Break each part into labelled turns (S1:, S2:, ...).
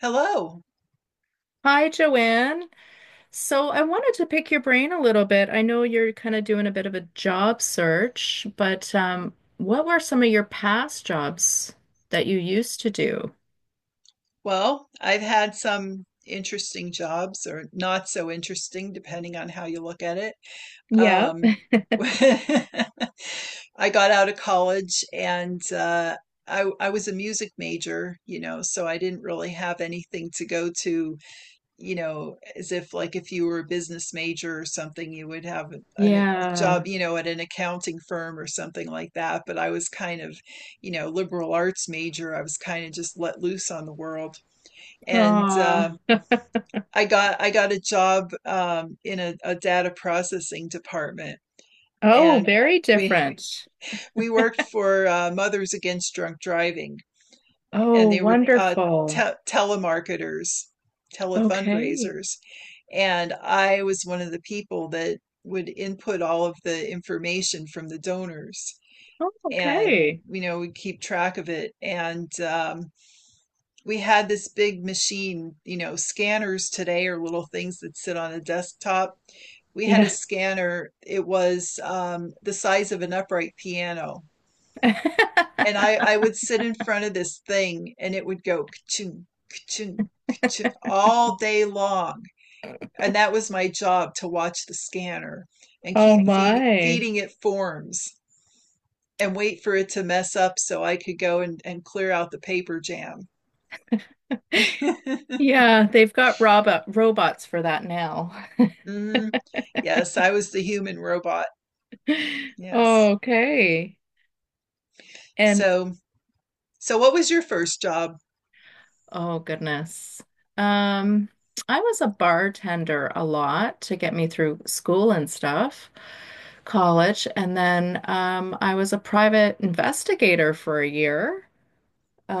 S1: Hello.
S2: Hi, Joanne. So I wanted to pick your brain a little bit. I know you're kind of doing a bit of a job search, but what were some of your past jobs that you used to do?
S1: Well, I've had some interesting jobs or not so interesting, depending on how you look at it.
S2: Yeah.
S1: Um, I got out of college and I was a music major, you know, so I didn't really have anything to go to, you know, as if like if you were a business major or something, you would have a
S2: Yeah.
S1: job, you know, at an accounting firm or something like that. But I was kind of, you know, liberal arts major. I was kind of just let loose on the world. And
S2: Aw.
S1: I got a job in a data processing department,
S2: Oh,
S1: and
S2: very
S1: we
S2: different.
S1: we worked for Mothers Against Drunk Driving. And
S2: Oh,
S1: they were
S2: wonderful.
S1: telemarketers,
S2: Okay.
S1: telefundraisers. And I was one of the people that would input all of the information from the donors
S2: Oh,
S1: and,
S2: okay.
S1: you know, we keep track of it. And we had this big machine. You know, scanners today are little things that sit on a desktop. We had a
S2: Yeah.
S1: scanner, it was the size of an upright piano, and I would sit in front of this thing and it would go ka-ching, ka-ching, ka-ching all day long. And that was my job, to watch the scanner and
S2: Oh
S1: keep
S2: my.
S1: feeding it forms and wait for it to mess up so I could go and, clear out the paper jam.
S2: Yeah, they've got robots for that now.
S1: Mhm. Yes, I was the human robot. Yes.
S2: Okay. And
S1: So, so what was your first job?
S2: oh goodness. Um, I was a bartender a lot to get me through school and stuff, college, and then I was a private investigator for a year.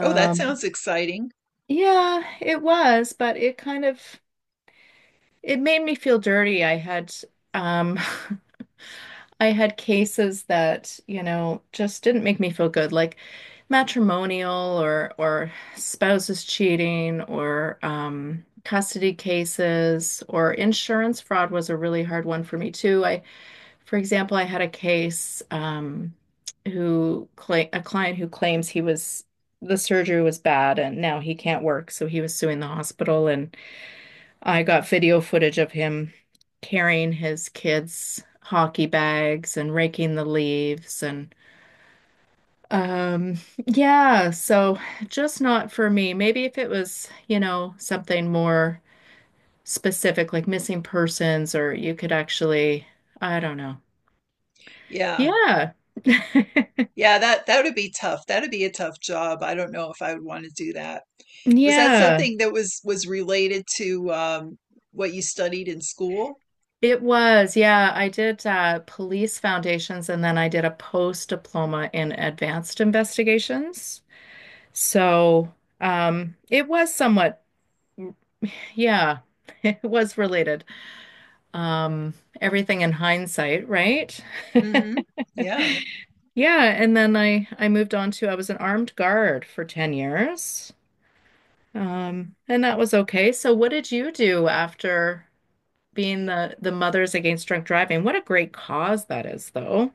S1: Oh, that sounds exciting.
S2: yeah, it was, but it kind of it made me feel dirty. I had um I had cases that, you know, just didn't make me feel good, like matrimonial or spouses cheating or custody cases or insurance fraud was a really hard one for me too. I, for example, I had a case who cla a client who claims he was the surgery was bad and now he can't work, so he was suing the hospital and I got video footage of him carrying his kids' hockey bags and raking the leaves and um yeah, so just not for me. Maybe if it was, you know, something more specific like missing persons or you could actually, I don't know.
S1: Yeah.
S2: Yeah.
S1: Yeah, that would be tough. That would be a tough job. I don't know if I would want to do that. Was that
S2: Yeah,
S1: something that was related to what you studied in school?
S2: it was. Yeah, I did police foundations and then I did a post diploma in advanced investigations. So, it was somewhat, yeah, it was related. Um, everything in hindsight, right?
S1: Hmm. Yeah.
S2: Yeah, and then I moved on to I was an armed guard for 10 years. And that was okay. So what did you do after being the Mothers Against Drunk Driving? What a great cause that is, though.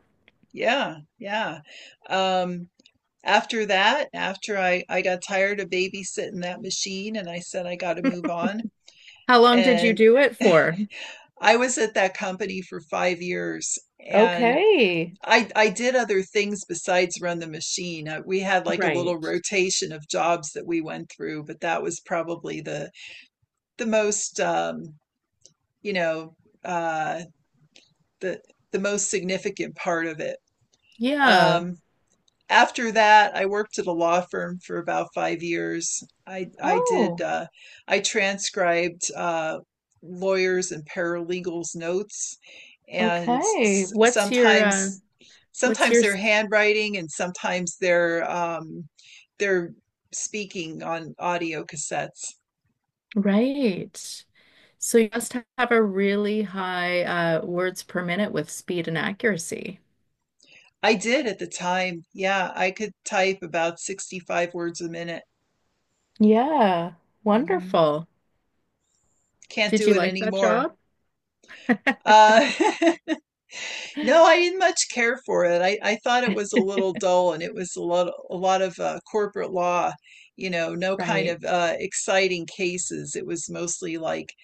S1: Yeah. Yeah. Um, After that, after I got tired of babysitting that machine, and I said I got to move on.
S2: How long did you
S1: And
S2: do it for?
S1: I was at that company for 5 years, and
S2: Okay.
S1: I did other things besides run the machine. We had like a little
S2: Right.
S1: rotation of jobs that we went through, but that was probably the most you know uh, the the most significant part of it.
S2: Yeah.
S1: Um, After that, I worked at a law firm for about 5 years. I did
S2: Oh.
S1: I transcribed lawyers and paralegals' notes, and
S2: Okay. What's your what's
S1: sometimes
S2: your
S1: their
S2: s-
S1: handwriting and sometimes their speaking on audio cassettes.
S2: right? So you must have a really high words per minute with speed and accuracy.
S1: I did at the time. Yeah, I could type about 65 words a minute.
S2: Yeah,
S1: Hmm.
S2: wonderful.
S1: Can't
S2: Did
S1: do
S2: you
S1: it
S2: like that
S1: anymore.
S2: job?
S1: Uh, no, I didn't much care for it. I thought it was a little dull, and it was a lot of corporate law, you know, no kind
S2: Right.
S1: of exciting cases. It was mostly like,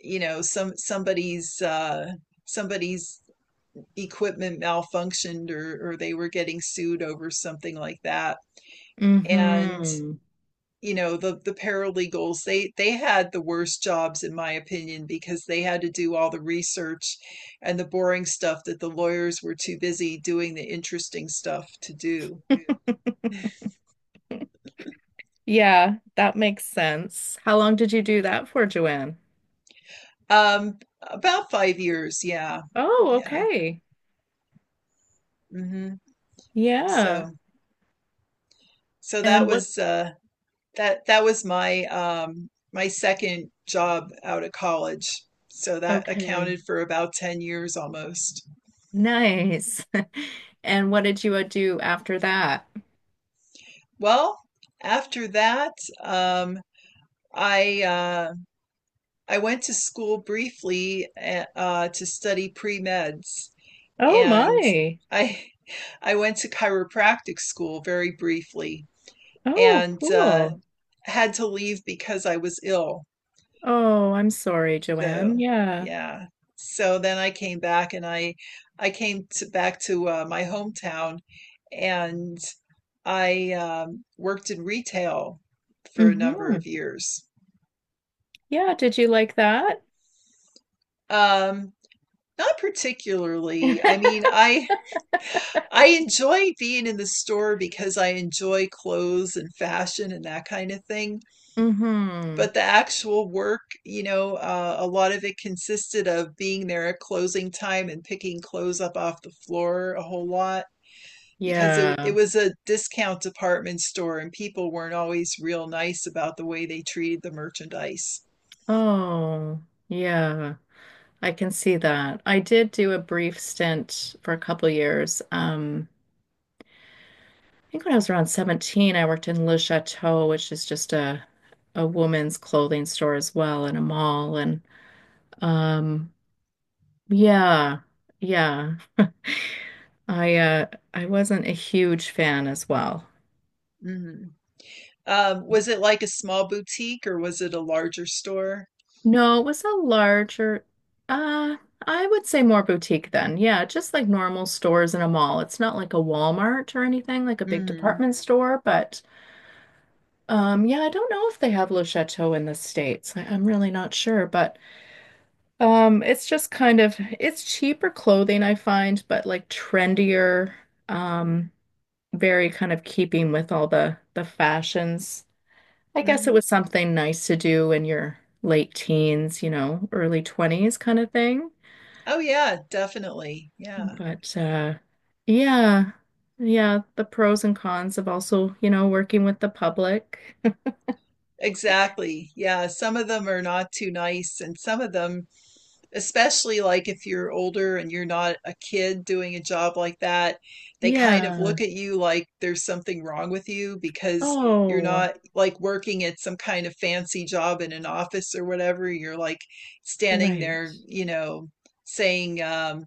S1: you know, somebody's somebody's equipment malfunctioned, or they were getting sued over something like that.
S2: Mm-hmm.
S1: You know, the paralegals, they had the worst jobs in my opinion, because they had to do all the research and the boring stuff that the lawyers were too busy doing the interesting stuff to do.
S2: Yeah, that makes sense. How long did you do that for, Joanne?
S1: About 5 years, yeah.
S2: Oh,
S1: Yeah.
S2: okay.
S1: Mhm.
S2: Yeah.
S1: So so that
S2: And what?
S1: was that was my my second job out of college, so that
S2: Okay.
S1: accounted for about 10 years almost.
S2: Nice. And what did you do after that?
S1: Well, after that, um I uh, I went to school briefly, to study pre-meds,
S2: Oh
S1: and
S2: my.
S1: I I went to chiropractic school very briefly,
S2: Oh,
S1: and
S2: cool.
S1: had to leave because I was ill.
S2: Oh, I'm sorry, Joanne.
S1: So
S2: Yeah.
S1: yeah, so then I came back and I came to back to my hometown, and I worked in retail for a number
S2: Mm-hmm.
S1: of years.
S2: Yeah, did you like that?
S1: Um, Not particularly. I mean, I enjoy being in the store because I enjoy clothes and fashion and that kind of thing.
S2: Mm-hmm.
S1: But the actual work, you know, a lot of it consisted of being there at closing time and picking clothes up off the floor a whole lot, because it
S2: Yeah.
S1: was a discount department store and people weren't always real nice about the way they treated the merchandise.
S2: Oh, yeah. I can see that. I did do a brief stint for a couple years. I think when I was around 17, I worked in Le Chateau, which is just a woman's clothing store as well in a mall. And um, yeah, yeah. I wasn't a huge fan as well.
S1: Mhm. Was it like a small boutique, or was it a larger store?
S2: No, it was a larger, uh, I would say more boutique then. Yeah, just like normal stores in a mall. It's not like a Walmart or anything, like a big
S1: Hmm.
S2: department store, but yeah, I don't know if they have Le Chateau in the States. I'm really not sure, but it's just kind of it's cheaper clothing I find, but like trendier, um, very kind of keeping with all the fashions. I guess it
S1: Hmm.
S2: was something nice to do in your late teens, you know, early 20s kind of thing.
S1: Oh yeah, definitely. Yeah.
S2: But yeah. Yeah, the pros and cons of also, you know, working with the public.
S1: Exactly. Yeah, some of them are not too nice, and some of them, especially like if you're older and you're not a kid doing a job like that, they kind of
S2: Yeah.
S1: look at you like there's something wrong with you, because you're
S2: Oh,
S1: not like working at some kind of fancy job in an office or whatever. You're like standing there,
S2: right.
S1: you know, saying,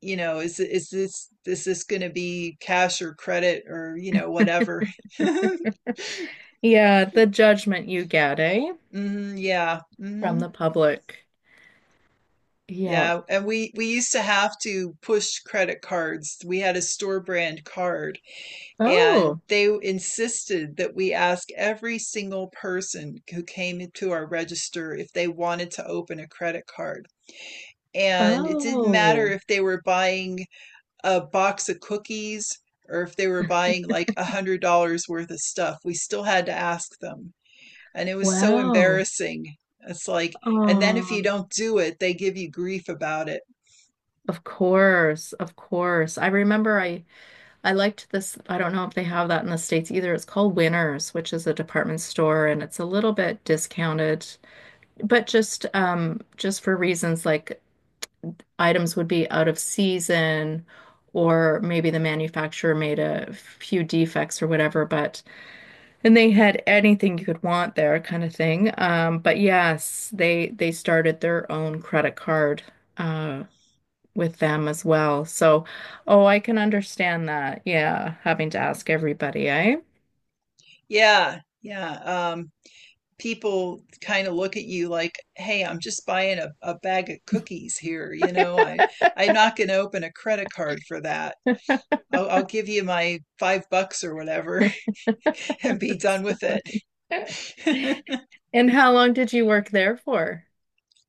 S1: you know, is this going to be cash or credit, or, you know, whatever.
S2: Yeah, the judgment you get, eh?
S1: Hmm, yeah.
S2: From
S1: Hmm.
S2: the public. Yeah.
S1: Yeah, and we used to have to push credit cards. We had a store brand card,
S2: Oh.
S1: and they insisted that we ask every single person who came to our register if they wanted to open a credit card. And it didn't matter
S2: Oh.
S1: if they were buying a box of cookies or if they were buying like $100 worth of stuff. We still had to ask them, and it was so
S2: Wow.
S1: embarrassing. It's like, and then if you
S2: Oh.
S1: don't do it, they give you grief about it.
S2: Of course. Of course. I remember I liked this. I don't know if they have that in the States either. It's called Winners, which is a department store, and it's a little bit discounted, but just for reasons like items would be out of season or maybe the manufacturer made a few defects or whatever, but and they had anything you could want there kind of thing. But yes, they started their own credit card uh with them as well. So, oh, I can understand that. Yeah, having to ask everybody, eh?
S1: Yeah, yeah. Um, People kind of look at you like, "Hey, I'm just buying a bag of cookies here. You know, I'm not going to open a credit card for that. I'll give you my $5 or whatever and be
S2: It's
S1: done with
S2: so
S1: it."
S2: funny. And how long did you work there for?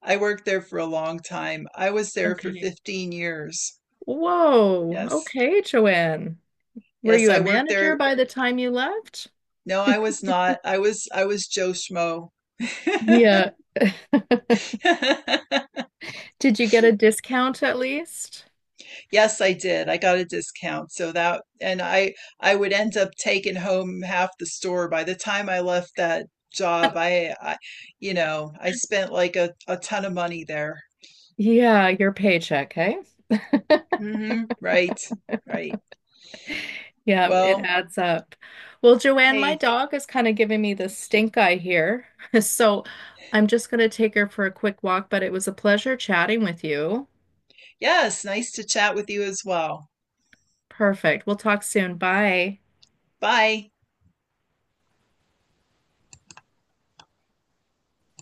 S1: I worked there for a long time. I was there for
S2: Okay.
S1: 15 years.
S2: Whoa.
S1: Yes.
S2: Okay, Joanne. Were
S1: Yes,
S2: you
S1: I
S2: a
S1: worked
S2: manager
S1: there.
S2: by the time you left?
S1: No, I was not. I was Joe Schmo.
S2: Yeah. Did you get a discount at least?
S1: Yes, I did. I got a discount. So that, and I would end up taking home half the store by the time I left that job. I You know, I spent like a ton of money there.
S2: Yeah, your paycheck, hey?
S1: Mm-hmm. Right. Right.
S2: Yeah, it
S1: Well,
S2: adds up. Well, Joanne, my
S1: hey,
S2: dog is kind of giving me the stink eye here. So I'm just going to take her for a quick walk, but it was a pleasure chatting with you.
S1: yes, nice to chat with you as well.
S2: Perfect. We'll talk soon. Bye.
S1: Bye.